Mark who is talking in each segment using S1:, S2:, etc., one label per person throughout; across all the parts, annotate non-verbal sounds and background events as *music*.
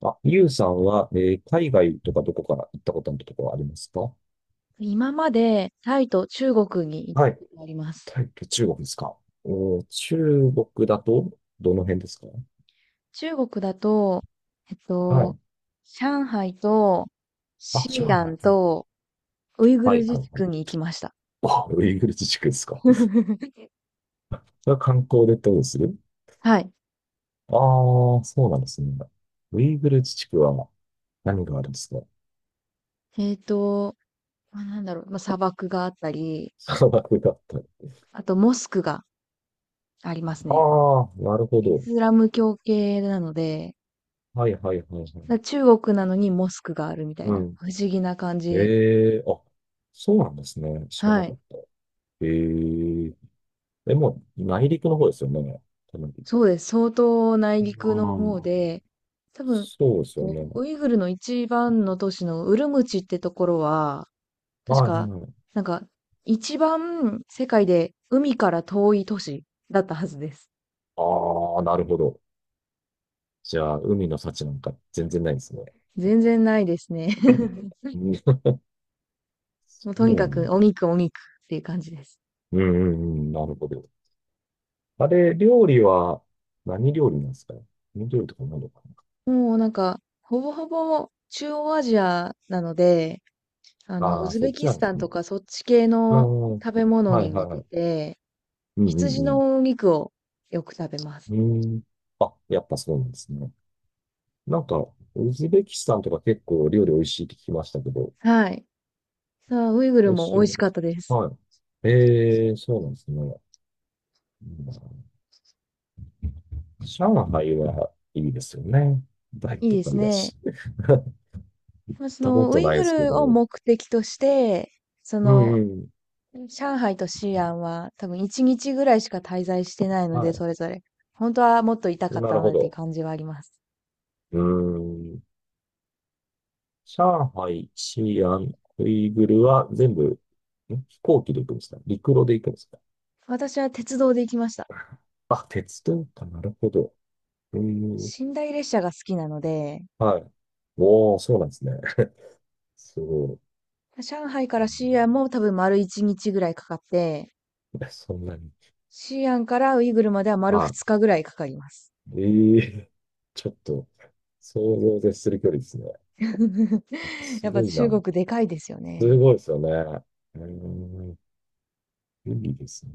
S1: あ、ゆうさんは、海外とかどこから行ったことのところはありますか？
S2: 今までタイと中国に行っ
S1: は
S2: た
S1: い。
S2: ことあります。
S1: タイと中国ですか？おー、中国だと、どの辺ですか？
S2: 中国だと、えっ
S1: は
S2: と、
S1: い。
S2: 上海と
S1: あ、上
S2: 西
S1: 海。
S2: 安
S1: うん。
S2: とウイグ
S1: は
S2: ル
S1: い、はい、
S2: 自治
S1: はい。
S2: 区に行きました。
S1: あ、ウイグル自治区ですか。*laughs*
S2: *laughs*
S1: が観光でどうする？
S2: はい。
S1: ああー、そうなんですね。ウイグル自治区は何があるんですか？
S2: えっと、まあ、なんだろう、まあ、砂漠があったり、
S1: *laughs* 砂漠だったり。
S2: あとモスクがありますね。
S1: ああ、なるほ
S2: イ
S1: ど。
S2: スラム教系なので、
S1: はい、はい、はい、はい。
S2: 中国なのにモスクがあるみたい
S1: う
S2: な、
S1: ん。
S2: 不思議な感じ。
S1: ええ、あ、そうなんですね。知らな
S2: は
S1: か
S2: い。
S1: った。ええ、え、もう内陸の方ですよね。多分。
S2: そうです。相当内陸の
S1: うん。
S2: 方で、多分、
S1: そうですよ
S2: こ
S1: ね。
S2: うウイグルの一番の都市のウルムチってところは、確
S1: はい、はい、
S2: か、
S1: はい。
S2: なんか、一番世界で海から遠い都市だったはずです。
S1: ああ、なるほど。じゃあ、海の幸なんか全然ないですね。
S2: 全然ないですね。
S1: う
S2: *laughs*
S1: ん、そ
S2: もうとに
S1: う
S2: か
S1: な
S2: く
S1: ん
S2: お
S1: だ。
S2: 肉お肉っていう感じです。
S1: うん、うん、うん、なるほど。あれ、料理は何料理なんですかね？何料理とか何とか。
S2: もうなんか、ほぼほぼ中央アジアなので、
S1: な
S2: ウ
S1: ああー、
S2: ズ
S1: そ
S2: ベ
S1: っち
S2: キ
S1: なん
S2: ス
S1: で
S2: タ
S1: す
S2: ン
S1: ね。
S2: とかそっち系
S1: う
S2: の
S1: ん。
S2: 食べ物
S1: は
S2: に
S1: い、は
S2: 似
S1: い、は
S2: て
S1: い。
S2: て、
S1: うん、
S2: 羊
S1: う
S2: の
S1: ん、
S2: お肉をよく食べます。
S1: うん。うん。あ、やっぱそうなんですね。なんか、ウズベキスタンとか結構料理美味しいって聞きましたけど、
S2: はい。さあ、ウイグル
S1: 美味
S2: も
S1: しい
S2: 美味
S1: もの
S2: し
S1: で
S2: かっ
S1: す。
S2: たです。
S1: はい。ええ、そうなんですね。うん。上海はいいですよね。大
S2: いい
S1: 都
S2: です
S1: 会だ
S2: ね。
S1: し。*laughs* 行っ
S2: まあ、そ
S1: たこ
S2: の、ウ
S1: と
S2: イ
S1: ない
S2: グ
S1: ですけ
S2: ルを
S1: ど。
S2: 目的として、そ
S1: うん、
S2: の、
S1: うん。
S2: 上海と西安は多分1日ぐらいしか滞在してないの
S1: は
S2: で、
S1: い。
S2: それぞれ。本当はもっといたかっ
S1: な
S2: た
S1: る
S2: な
S1: ほ
S2: っていう
S1: ど。
S2: 感じはあります。
S1: うーん。上海、西安、ウイグルは全部、ん、飛行機で行くんですか、陸路で行くんですか？
S2: 私は鉄道で行きました。
S1: *laughs* あ、鉄道か。なるほど。うーん。
S2: 寝台列車が好きなので、
S1: はい。おー、そうなんですね。*laughs* そう、
S2: 上海から西安も多
S1: う
S2: 分丸1日ぐらいかかって、
S1: ん。 *laughs* そんなに。
S2: 西安からウイグルまでは丸
S1: は
S2: 2
S1: い、
S2: 日ぐらいかかります。
S1: ええ、 *laughs* ちょっと想像を絶する距離ですね。
S2: *laughs*
S1: す
S2: やっ
S1: ご
S2: ぱ
S1: い
S2: 中
S1: な。
S2: 国でかいですよね。
S1: すごいですよね。うーん、いいですね。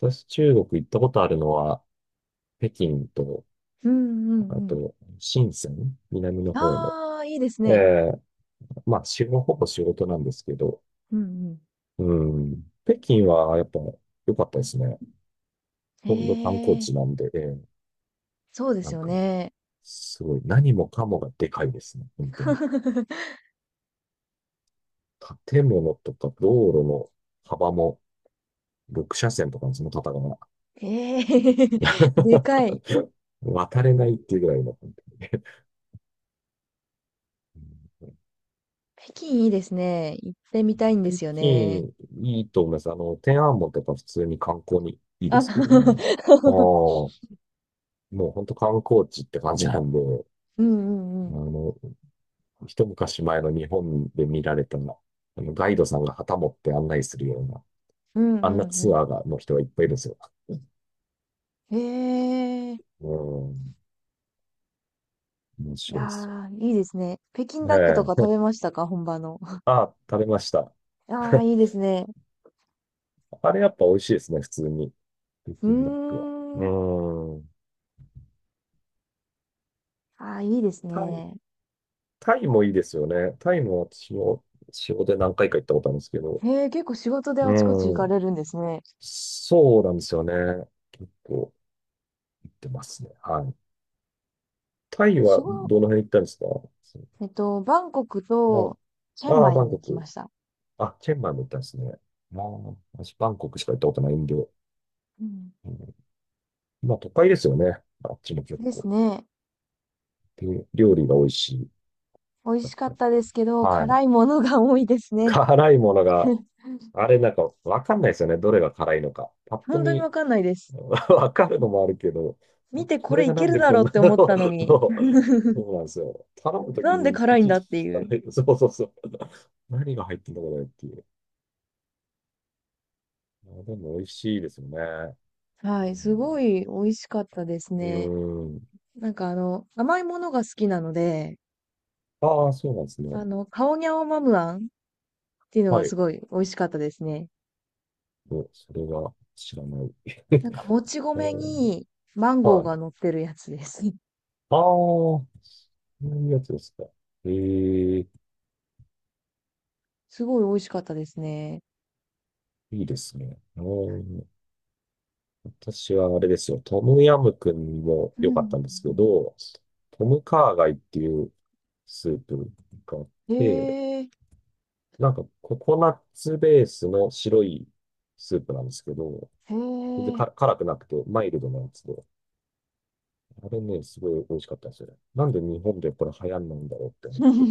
S1: 私、中国行ったことあるのは、北京と、
S2: うんう
S1: あ
S2: んうん。
S1: と、深セン、南の方の。
S2: ああ、いいですね。
S1: ええ、まあ、仕事、ほぼ仕事なんですけど、
S2: うんうん。
S1: うん、北京はやっぱ良かったですね。
S2: へ
S1: ほとんど観光地
S2: え、
S1: なんで、ええ、
S2: そうで
S1: な
S2: す
S1: ん
S2: よ
S1: か、
S2: ね。
S1: すごい、何もかもがでかいですね、本当に。
S2: *laughs*
S1: 建物とか道路の幅も、6車線とかのその方が
S2: へえ、*laughs* でかい。
S1: *laughs* 渡れないっていうぐらいの。
S2: 北京いいですね。行ってみたいんで
S1: 北
S2: すよね。
S1: 京、いいと思います。あの、天安門とか普通に観光にいいで
S2: あ、
S1: すけどね。
S2: *laughs*
S1: もう、もう本当観光地って感じなんで、
S2: うんうんう
S1: あ
S2: ん。
S1: の、一昔前の日本で見られたの、あの、ガイドさんが旗持って案内するような、
S2: うん
S1: あ
S2: う
S1: んな
S2: んう
S1: ツ
S2: ん。
S1: アーが、の人がいっぱいいるんですよ。
S2: へえ。
S1: うん、面
S2: い
S1: 白
S2: や
S1: いですよ。
S2: ー、いいですね。北京ダックと
S1: え
S2: か食べ
S1: え、
S2: ましたか本場の。*laughs*
S1: あ、食べました。
S2: ああ、
S1: *laughs*
S2: いいですね。
S1: あれやっぱ美味しいですね、普通に。北
S2: う
S1: 京ダックは。
S2: ーん。
S1: うん。
S2: ああ、いいです
S1: タイ、
S2: ね。
S1: タイもいいですよね。タイも私も仕事で何回か行ったことあるんですけど。
S2: へえ、結構仕事で
S1: う
S2: あちこち行かれ
S1: ん。
S2: るんですね。
S1: そうなんですよね。結構行ってますね。はい。タイ
S2: 仕
S1: は
S2: 事、
S1: どの辺行ったんですか？
S2: バンコクと
S1: そ
S2: チェ
S1: う、
S2: ン
S1: ああ、
S2: マイ
S1: バン
S2: に行
S1: コ
S2: きま
S1: ク。
S2: した。
S1: あ、チェンマイも行ったんですね。ああ、私バンコクしか行ったことないんで。う
S2: うん。
S1: ん、まあ都会ですよね。あっちも結
S2: です
S1: 構。
S2: ね。
S1: で、料理が美味しい。
S2: 美味しかったですけど、
S1: はい。
S2: 辛いものが多いですね。
S1: 辛いものが、
S2: *laughs*
S1: あれ、わかんないですよね。どれが辛いのか。パッと
S2: 本当に
S1: 見。
S2: わかんないです。
S1: *laughs* わかるのもあるけど、
S2: 見てこ
S1: これ
S2: れい
S1: がな
S2: け
S1: ん
S2: る
S1: で
S2: だ
S1: こ
S2: ろ
S1: ん
S2: うっ
S1: な
S2: て
S1: の。
S2: 思ったの
S1: *laughs*
S2: に、
S1: そう、そうなんですよ。頼むとき
S2: なんで
S1: に
S2: 辛
S1: い
S2: いん
S1: ちい
S2: だっ
S1: ち
S2: てい
S1: 聞か
S2: う。
S1: ない。そう、そう、そう。何が入ってんだこれっていう。あ、でも美味しいですよね。
S2: はい、すごい美味しかったです
S1: う
S2: ね。
S1: ん。うーん。
S2: なんか甘いものが好きなので、
S1: ああ、そうなんですね。
S2: カオニャオマムアンっていうの
S1: は
S2: が
S1: い。
S2: すごい美味しかったですね。
S1: お、それは知らない。*laughs*
S2: なんか、もち
S1: う
S2: 米
S1: ん。
S2: にマンゴー
S1: は
S2: が
S1: い。
S2: 乗ってるやつです。*laughs*
S1: ああ、そういうやつですか。ええ、
S2: すごい美味しかったですね。
S1: いいですね。うん。私はあれですよ、トムヤムクンも
S2: うん
S1: 良
S2: う
S1: かったんですけ
S2: ん
S1: ど、トムカーガイっていうスープがあっ
S2: うん。
S1: て、
S2: へえ、
S1: ココナッツベースの白いスープなんですけど、
S2: へ
S1: 全然
S2: え。
S1: か辛くなくてマイルドなやつで、あれね、すごい美味しかったんですよね。なんで日本でこれ流行んないんだろうって思
S2: *laughs*
S1: っ
S2: う
S1: て、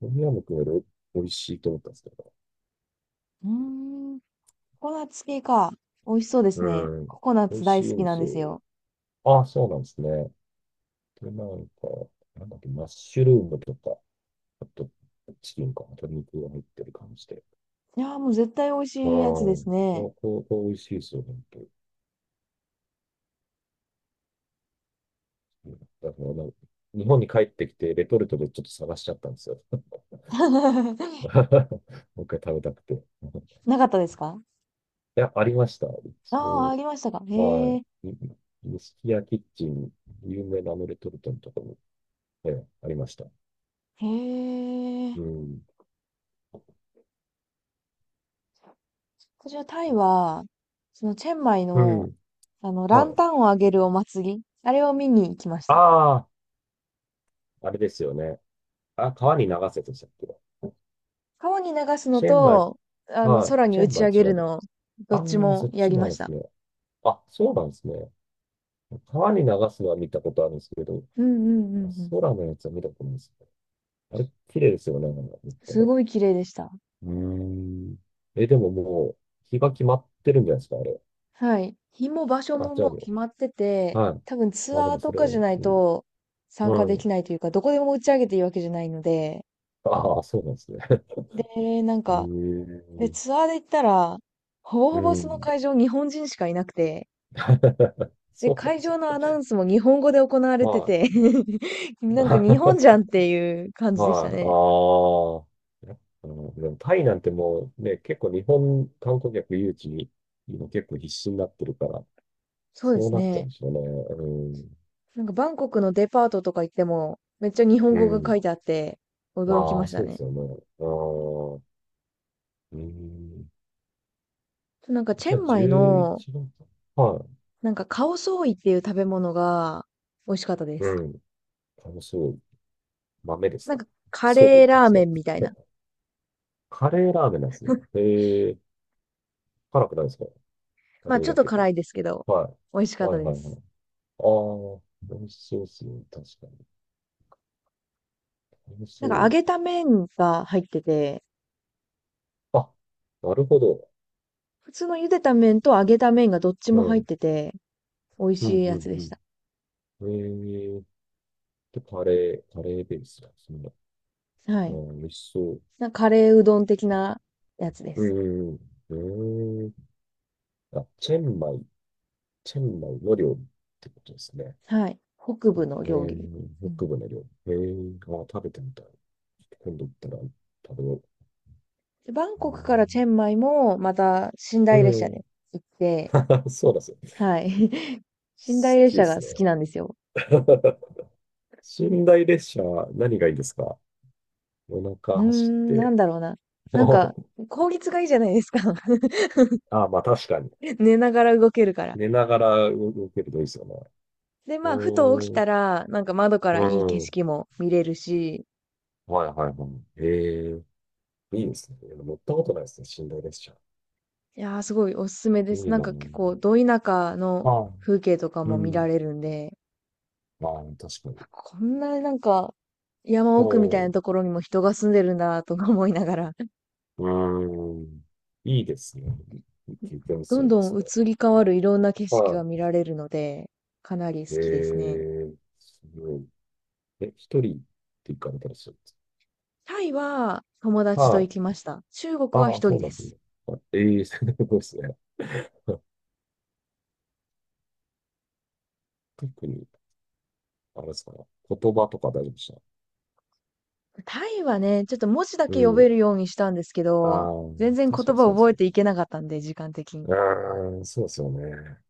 S1: トムヤムクンより美味しいと思ったんですけど、
S2: ーん。ココナッツ系か。美味しそうです
S1: う
S2: ね。
S1: ん、
S2: ココナッ
S1: 美味
S2: ツ大
S1: しい
S2: 好
S1: ん
S2: き
S1: で
S2: なん
S1: す
S2: で
S1: よ。
S2: すよ。
S1: あ、そうなんですね。で、なんだっけ、マッシュルームとか、あと、チキンか鶏肉が入ってる感じで。
S2: いやー、もう絶対美味
S1: ああ、
S2: しいやつで
S1: こ
S2: すね。
S1: こ、こう美味しいですよ、本当に。だからな、日本に帰ってきて、レトルトでちょっと探しちゃったんですよ。
S2: *laughs*
S1: *laughs* もう一回食べたくて。*laughs* い
S2: なかったですか？
S1: や、ありました。一
S2: あ
S1: 応、
S2: りましたか。
S1: ま
S2: へ
S1: あ、
S2: え、
S1: 錦屋キッチン、有名なあのレトルトのところも、ええ、ありました。
S2: へえ。
S1: うん。
S2: こちらタイは、そのチェンマイ
S1: う
S2: の、
S1: ん。
S2: ラ
S1: は
S2: ンタ
S1: い。
S2: ンをあげるお祭り、あれを見に行きました。
S1: ああ、あれですよね。あ、川に流せでしたっけ？
S2: 川に流すの
S1: チェンバイ、
S2: と、
S1: はい。
S2: 空に
S1: チェ
S2: 打
S1: ンバ
S2: ち
S1: イ
S2: 上げ
S1: 違
S2: る
S1: うと。
S2: の、どっち
S1: ああ、そ
S2: も
S1: っ
S2: や
S1: ち
S2: り
S1: も
S2: ま
S1: ある
S2: し
S1: んです
S2: た。
S1: ね。あ、そうなんですね。川に流すのは見たことあるんですけど、
S2: うんうんう
S1: あ、
S2: んうん。
S1: 空のやつは見たことないですね。あれ、綺麗ですよね、なんか見た目。
S2: す
S1: う
S2: ごい綺麗でした。
S1: ーん。え、でももう、日が決まってるんじゃないですか、あれ。
S2: はい。日も場所
S1: あ、
S2: も
S1: じゃ
S2: も
S1: あ
S2: う決
S1: も
S2: まって
S1: う。
S2: て、
S1: はい。
S2: 多分ツ
S1: あ、で
S2: アー
S1: もそ
S2: と
S1: れ、
S2: かじゃ
S1: う
S2: ない
S1: ん。
S2: と参加で
S1: う
S2: き
S1: ん。
S2: ないというか、どこでも打ち上げていいわけじゃないので、
S1: ああ、そうなんですね。*laughs*
S2: で、なん
S1: う
S2: か、
S1: ー
S2: で、
S1: ん。
S2: ツアーで行ったら、ほぼ
S1: う
S2: ほぼその
S1: ん。
S2: 会場日本人しかいなくて、
S1: *laughs*
S2: で、
S1: そうなん
S2: 会
S1: です。
S2: 場のアナウンスも日本語で行われて
S1: は
S2: て
S1: い。
S2: *laughs* なんか日本じ
S1: *laughs*
S2: ゃんっていう感じでしたね。
S1: はい。ああ。やっぱでもタイなんてもうね、結構日本観光客誘致に今結構必死になってるから、
S2: そうで
S1: そう
S2: す
S1: なっちゃうん
S2: ね。
S1: でしょうね。
S2: なんかバンコクのデパートとか行っても、めっちゃ日本
S1: う
S2: 語が
S1: ん。
S2: 書
S1: う
S2: いてあって、
S1: ん。
S2: 驚き
S1: あ
S2: ま
S1: あ、
S2: した
S1: そうで
S2: ね。
S1: すよね。ああ。うん。
S2: なんかチ
S1: じ
S2: ェ
S1: ゃあ
S2: ンマイ
S1: 11
S2: の、
S1: 月。は
S2: なんかカオソーイっていう食べ物が美味しかったで
S1: い。う
S2: す。
S1: ん。楽しみ。豆です
S2: なん
S1: か？
S2: かカ
S1: そ
S2: レ
S1: う
S2: ー
S1: で
S2: ラー
S1: すね。
S2: メンみたいな。
S1: *laughs* カレーラーメンなんですね。ええ、辛くないですか？カ
S2: まあ
S1: レー
S2: ちょ
S1: だ
S2: っと
S1: けど。
S2: 辛いですけど、
S1: は
S2: 美味し
S1: い。
S2: かっ
S1: は
S2: た
S1: い、は
S2: で
S1: い、はい。
S2: す。
S1: ああ、美味しそうですね。確かに。楽し
S2: なんか揚
S1: い。
S2: げた麺が入ってて、
S1: あ、なるほど。
S2: 普通の茹でた麺と揚げた麺がどっち
S1: う
S2: も入っ
S1: ん。
S2: てて、美味
S1: うん、
S2: しい
S1: う
S2: やつでし
S1: ん、
S2: た。
S1: うん。えー、で、カレー、カレーベースだ。そんな。
S2: は
S1: う
S2: い。
S1: ん、美味しそう。
S2: なんかカレーうどん的なやつで
S1: う
S2: す。
S1: ん、うん、うん。えー、あ、チェンマイ、チェンマイの料理ってことですね。
S2: はい。北部の
S1: え
S2: 料理。う
S1: ー、
S2: ん。
S1: 北部の料理。えー、あ、食べてみたい。今度行ったら食べよ
S2: でバンコクからチェンマイも、また、寝
S1: う。う
S2: 台列車
S1: ん。う
S2: で
S1: ん。
S2: 行って、
S1: *laughs* そうなんですよ。
S2: はい。*laughs* 寝台
S1: 好
S2: 列
S1: きで
S2: 車が
S1: す
S2: 好
S1: ね。
S2: きなんですよ。
S1: *laughs* 寝台列車、何がいいですか？お
S2: うー
S1: 腹走っ
S2: ん、なん
S1: て。
S2: だろうな。なんか、効率がいいじゃないですか。*laughs*
S1: *laughs* あ、まあ確かに。
S2: 寝ながら動けるから。
S1: 寝ながら動けるといいですよね。
S2: で、まあ、ふと起き
S1: おーん、
S2: たら、なんか窓か
S1: う
S2: らいい景
S1: ん。
S2: 色も見れるし、
S1: はい、はい、はい。ええ、いいですね。乗ったことないですね。寝台列車。
S2: いやー、すごいおすすめで
S1: い
S2: す。
S1: い
S2: なん
S1: な
S2: か結構、
S1: ぁ。
S2: ど田舎の
S1: は
S2: 風景とか
S1: い。う
S2: も見ら
S1: ん。
S2: れるんで、
S1: まあ、確かに。
S2: こんななんか、山
S1: は
S2: 奥みたいな
S1: い。
S2: ところにも人が住んでるんだとか思いながら
S1: うーん。いいですね。経験です
S2: どん
S1: よね、
S2: ど
S1: そ
S2: ん
S1: れ
S2: 移り変わるいろんな景
S1: は。
S2: 色が
S1: は
S2: 見られるので、かなり好
S1: い。え
S2: きですね。
S1: え、すごい。え、一人って行かれたりするんです
S2: タイは友
S1: か？
S2: 達と
S1: は
S2: 行き
S1: い。
S2: ました。中国は
S1: ああ、
S2: 一
S1: そ
S2: 人
S1: うな
S2: で
S1: んですね。
S2: す。
S1: はい、ええ、*laughs* すごいですね。特に、あれですかね。言葉とか大丈夫でした？
S2: タイはね、ちょっと文字だ
S1: う
S2: け読め
S1: ん、
S2: るようにしたんですけ
S1: あ
S2: ど、
S1: あ、
S2: 全然
S1: 確か
S2: 言
S1: に
S2: 葉
S1: そ
S2: を
S1: うです
S2: 覚え
S1: よ
S2: てい
S1: ね。
S2: けなかったんで、時間的に。
S1: うーん、そうですよね。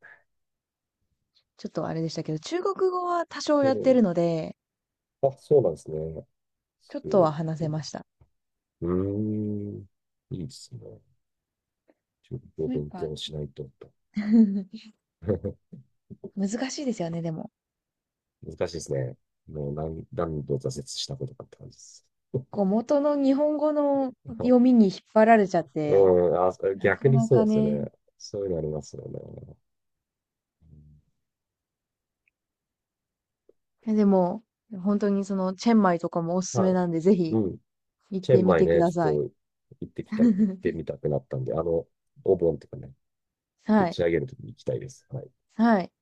S2: ちょっとあれでしたけど、中国語は多少
S1: う
S2: やってる
S1: ん、
S2: ので、
S1: あ、そうなんですね。
S2: ちょっ
S1: そ
S2: とは
S1: う、
S2: 話せました。
S1: うーん、いいですね。中国
S2: や
S1: 語
S2: っ
S1: を勉
S2: ぱ
S1: 強しないとと。
S2: *laughs*
S1: *laughs*
S2: 難しいですよね、でも。
S1: 難しいですね。もう何、何度挫折したことかって感じです。
S2: こう元の日本語の読み
S1: *laughs*
S2: に引っ張られちゃっ
S1: う
S2: て、
S1: ん、あ、
S2: な
S1: 逆
S2: か
S1: に
S2: な
S1: そう
S2: か
S1: ですよ
S2: ね、
S1: ね。そういうのありますよね。
S2: でも、本当にその、チェンマイとかもおす
S1: う
S2: す
S1: ん、
S2: め
S1: はい。
S2: なんで、ぜひ
S1: うん。
S2: 行っ
S1: チェ
S2: て
S1: ン
S2: み
S1: マイ
S2: てく
S1: ね、ち
S2: ださい。
S1: ょっと行ってきた、行って
S2: *laughs*
S1: みたくなったんで、あの、お盆とかね、打
S2: はい。
S1: ち上げるときに行きたいです。はい
S2: はい。